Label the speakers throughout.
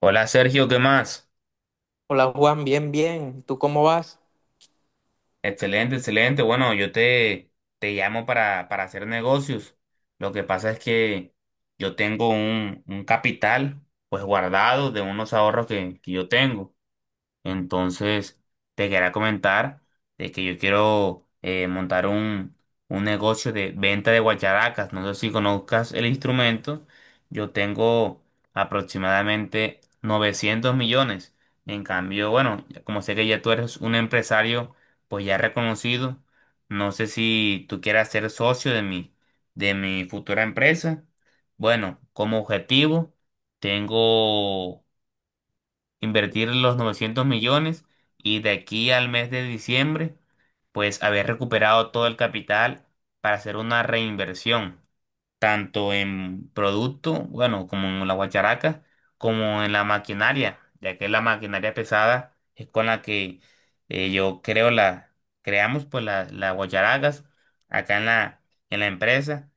Speaker 1: Hola Sergio, ¿qué más?
Speaker 2: Hola Juan, bien, bien. ¿Tú cómo vas?
Speaker 1: Excelente, excelente. Bueno, te llamo para hacer negocios. Lo que pasa es que yo tengo un capital pues guardado de unos ahorros que yo tengo. Entonces, te quería comentar de que yo quiero montar un negocio de venta de guacharacas. No sé si conozcas el instrumento. Yo tengo aproximadamente 900 millones. En cambio, bueno, como sé que ya tú eres un empresario, pues ya reconocido, no sé si tú quieras ser socio de de mi futura empresa. Bueno, como objetivo, tengo invertir los 900 millones y de aquí al mes de diciembre, pues haber recuperado todo el capital para hacer una reinversión tanto en producto, bueno, como en la guacharaca, como en la maquinaria, ya que la maquinaria pesada es con la que eh, yo creo la, creamos pues las guacharacas acá en en la empresa.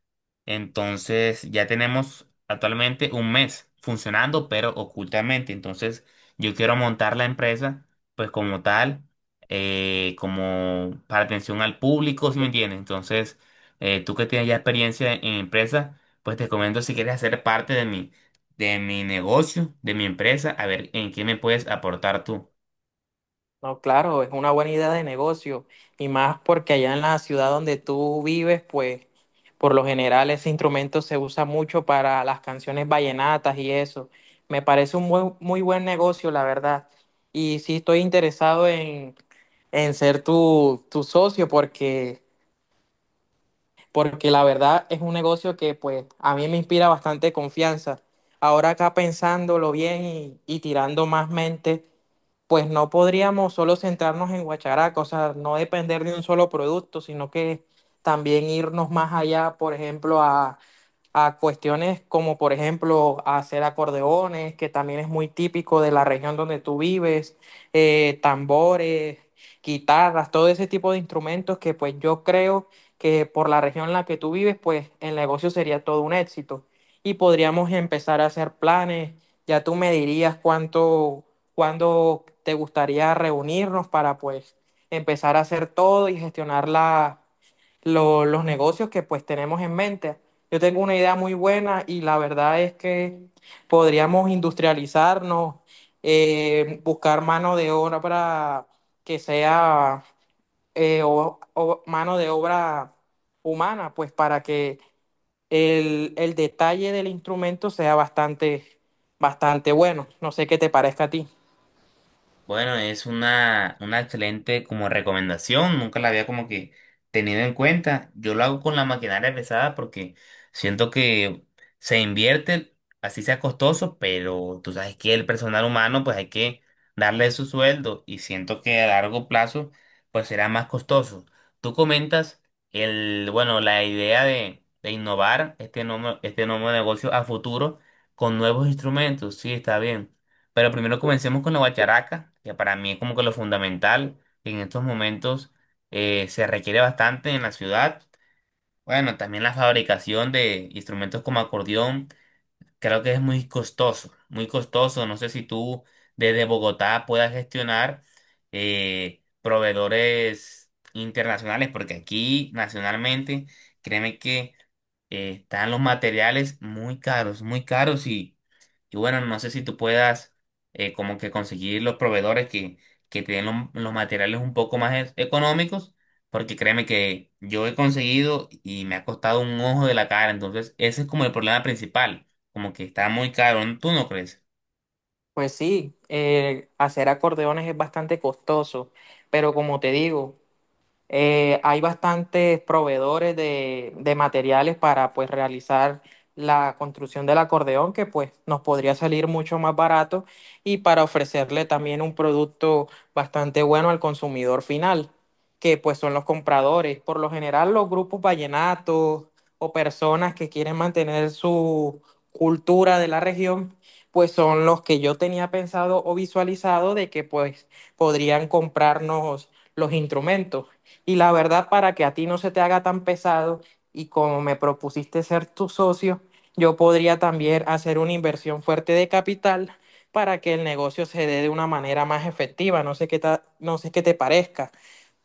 Speaker 1: Entonces ya tenemos actualmente un mes funcionando, pero ocultamente. Entonces yo quiero montar la empresa pues como tal, como para atención al público, ¿si me entiendes? Entonces tú que tienes ya experiencia en empresa, pues te comento si quieres hacer parte de de mi negocio, de mi empresa, a ver en qué me puedes aportar tú.
Speaker 2: No, claro, es una buena idea de negocio y más porque allá en la ciudad donde tú vives, pues por lo general ese instrumento se usa mucho para las canciones vallenatas y eso. Me parece un muy buen negocio, la verdad. Y sí estoy interesado en ser tu socio porque la verdad es un negocio que pues a mí me inspira bastante confianza. Ahora acá pensándolo bien y tirando más mente, pues no podríamos solo centrarnos en Guacharaca, o sea, no depender de un solo producto, sino que también irnos más allá, por ejemplo, a cuestiones como, por ejemplo, hacer acordeones, que también es muy típico de la región donde tú vives, tambores, guitarras, todo ese tipo de instrumentos que pues yo creo que por la región en la que tú vives, pues el negocio sería todo un éxito. Y podríamos empezar a hacer planes. Ya tú me dirías cuánto cuándo te gustaría reunirnos para pues empezar a hacer todo y gestionar los negocios que pues tenemos en mente. Yo tengo una idea muy buena y la verdad es que podríamos industrializarnos, buscar mano de obra para que sea mano de obra humana, pues para que el detalle del instrumento sea bastante, bastante bueno. No sé qué te parezca a ti.
Speaker 1: Bueno, es una excelente como recomendación, nunca la había como que tenido en cuenta. Yo lo hago con la maquinaria pesada porque siento que se invierte, así sea costoso, pero tú sabes que el personal humano pues hay que darle su sueldo y siento que a largo plazo pues será más costoso. Tú comentas el, bueno, la idea de innovar este nuevo negocio a futuro con nuevos instrumentos, sí, está bien. Pero primero comencemos con la guacharaca, que para mí es como que lo fundamental, que en estos momentos se requiere bastante en la ciudad. Bueno, también la fabricación de instrumentos como acordeón, creo que es muy costoso, muy costoso. No sé si tú desde Bogotá puedas gestionar proveedores internacionales, porque aquí nacionalmente, créeme que están los materiales muy caros y bueno, no sé si tú puedas como que conseguir los proveedores que te den los materiales un poco más económicos, porque créeme que yo he conseguido y me ha costado un ojo de la cara, entonces ese es como el problema principal, como que está muy caro, ¿tú no crees?
Speaker 2: Pues sí, hacer acordeones es bastante costoso, pero como te digo, hay bastantes proveedores de materiales para pues realizar la construcción del acordeón que pues nos podría salir mucho más barato y para ofrecerle también un producto bastante bueno al consumidor final, que pues son los compradores. Por lo general los grupos vallenatos o personas que quieren mantener su cultura de la región, pues son los que yo tenía pensado o visualizado de que pues podrían comprarnos los instrumentos. Y la verdad, para que a ti no se te haga tan pesado y como me propusiste ser tu socio, yo podría también hacer una inversión fuerte de capital para que el negocio se dé de una manera más efectiva. No sé qué te parezca.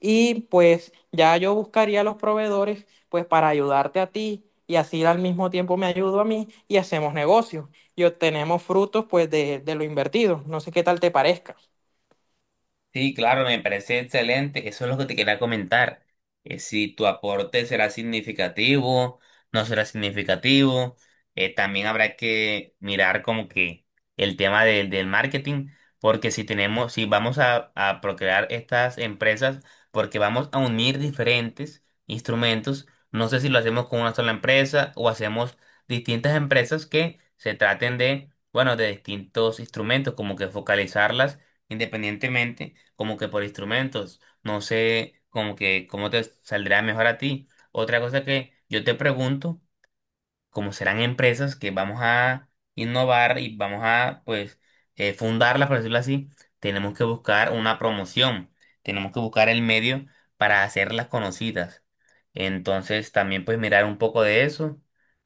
Speaker 2: Y pues ya yo buscaría a los proveedores pues para ayudarte a ti y así al mismo tiempo me ayudo a mí y hacemos negocios y obtenemos frutos pues de lo invertido. No sé qué tal te parezca.
Speaker 1: Sí, claro, me parece excelente. Eso es lo que te quería comentar. Si tu aporte será significativo, no será significativo. También habrá que mirar como que el tema del marketing, porque si tenemos, si vamos a procrear estas empresas, porque vamos a unir diferentes instrumentos, no sé si lo hacemos con una sola empresa o hacemos distintas empresas que se traten de, bueno, de distintos instrumentos, como que focalizarlas independientemente como que por instrumentos. No sé como que cómo te saldrá mejor a ti. Otra cosa que yo te pregunto como serán empresas que vamos a innovar y vamos a, pues, fundarlas, por decirlo así, tenemos que buscar una promoción, tenemos que buscar el medio para hacerlas conocidas. Entonces, también, pues, mirar un poco de eso,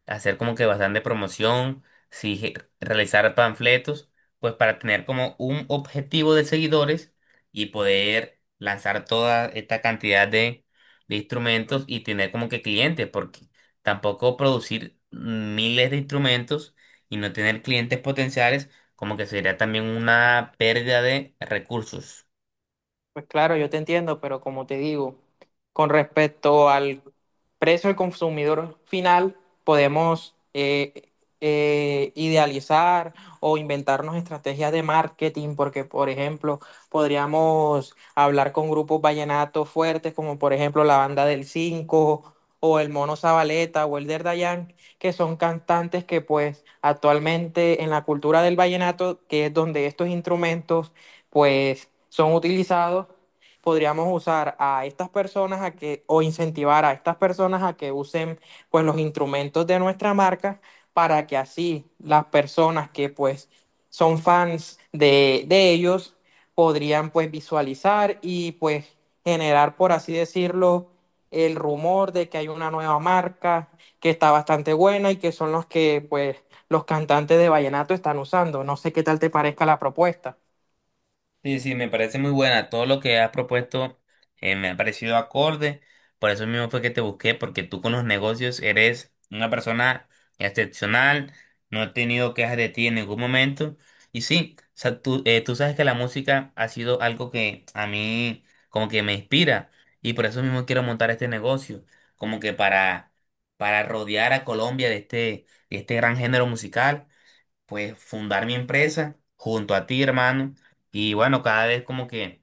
Speaker 1: hacer como que bastante promoción, si je- realizar panfletos, pues, para tener como un objetivo de seguidores y poder lanzar toda esta cantidad de instrumentos y tener como que clientes, porque tampoco producir miles de instrumentos y no tener clientes potenciales, como que sería también una pérdida de recursos.
Speaker 2: Pues claro, yo te entiendo, pero como te digo, con respecto al precio del consumidor final, podemos idealizar o inventarnos estrategias de marketing, porque por ejemplo, podríamos hablar con grupos vallenatos fuertes, como por ejemplo la Banda del 5 o el Mono Zabaleta o el Dayan, que son cantantes que pues actualmente en la cultura del vallenato, que es donde estos instrumentos pues son utilizados, podríamos usar a estas personas a que, o incentivar a estas personas a que usen pues los instrumentos de nuestra marca para que así las personas que pues son fans de ellos podrían pues visualizar y pues generar, por así decirlo, el rumor de que hay una nueva marca que está bastante buena y que son los que pues los cantantes de vallenato están usando. No sé qué tal te parezca la propuesta.
Speaker 1: Sí, sí, me parece muy buena. Todo lo que has propuesto me ha parecido acorde. Por eso mismo fue que te busqué, porque tú con los negocios eres una persona excepcional. No he tenido quejas de ti en ningún momento. Y sí, o sea, tú, tú sabes que la música ha sido algo que a mí como que me inspira. Y por eso mismo quiero montar este negocio, como que para rodear a Colombia de este gran género musical, pues fundar mi empresa junto a ti, hermano, y bueno, cada vez como que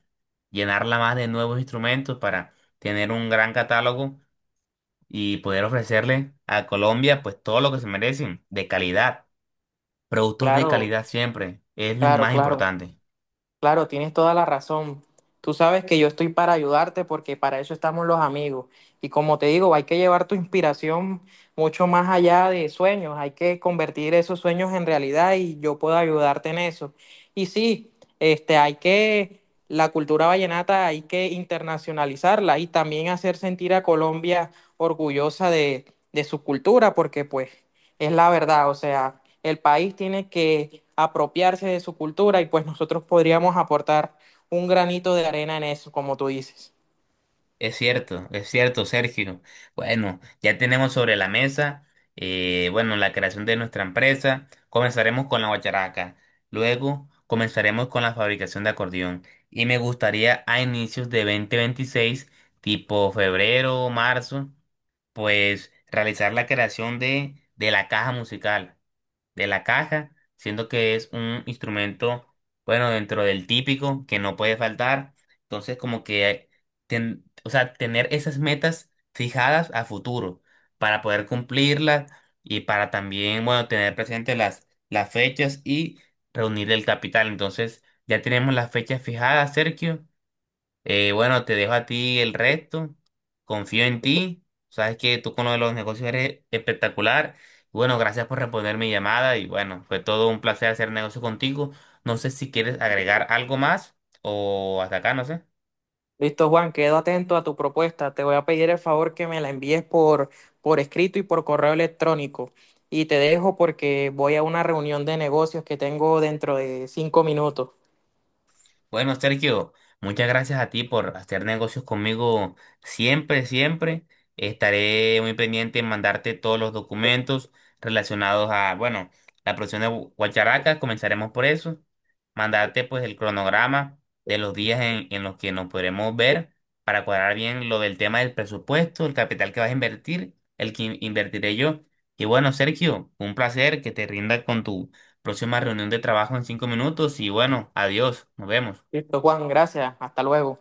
Speaker 1: llenarla más de nuevos instrumentos para tener un gran catálogo y poder ofrecerle a Colombia pues todo lo que se merecen de calidad, productos de
Speaker 2: Claro,
Speaker 1: calidad siempre, es lo
Speaker 2: claro,
Speaker 1: más
Speaker 2: claro,
Speaker 1: importante.
Speaker 2: claro, tienes toda la razón. Tú sabes que yo estoy para ayudarte porque para eso estamos los amigos. Y como te digo, hay que llevar tu inspiración mucho más allá de sueños, hay que convertir esos sueños en realidad y yo puedo ayudarte en eso. Y sí, este, hay que, la cultura vallenata hay que internacionalizarla y también hacer sentir a Colombia orgullosa de su cultura porque pues es la verdad, o sea, el país tiene que apropiarse de su cultura y pues nosotros podríamos aportar un granito de arena en eso, como tú dices.
Speaker 1: Es cierto, Sergio. Bueno, ya tenemos sobre la mesa, bueno, la creación de nuestra empresa. Comenzaremos con la guacharaca, luego comenzaremos con la fabricación de acordeón. Y me gustaría a inicios de 2026, tipo febrero o marzo, pues realizar la creación de la caja musical de la caja, siendo que es un instrumento, bueno, dentro del típico, que no puede faltar. Entonces, como que, o sea, tener esas metas fijadas a futuro para poder cumplirlas y para también, bueno, tener presente las fechas y reunir el capital. Entonces, ya tenemos las fechas fijadas, Sergio. Bueno, te dejo a ti el resto. Confío en ti. Sabes que tú con lo de los negocios eres espectacular. Bueno, gracias por responder mi llamada y bueno, fue todo un placer hacer negocio contigo. No sé si quieres agregar algo más o hasta acá, no sé.
Speaker 2: Listo, Juan, quedo atento a tu propuesta. Te voy a pedir el favor que me la envíes por escrito y por correo electrónico. Y te dejo porque voy a una reunión de negocios que tengo dentro de 5 minutos.
Speaker 1: Bueno, Sergio, muchas gracias a ti por hacer negocios conmigo siempre, siempre. Estaré muy pendiente en mandarte todos los documentos relacionados a, bueno, la producción de Guacharaca, comenzaremos por eso. Mandarte pues el cronograma de los días en los que nos podremos ver para cuadrar bien lo del tema del presupuesto, el capital que vas a invertir, el que invertiré yo. Y bueno, Sergio, un placer que te rinda con tu próxima reunión de trabajo en 5 minutos y bueno, adiós, nos vemos.
Speaker 2: Listo, Juan, gracias. Hasta luego.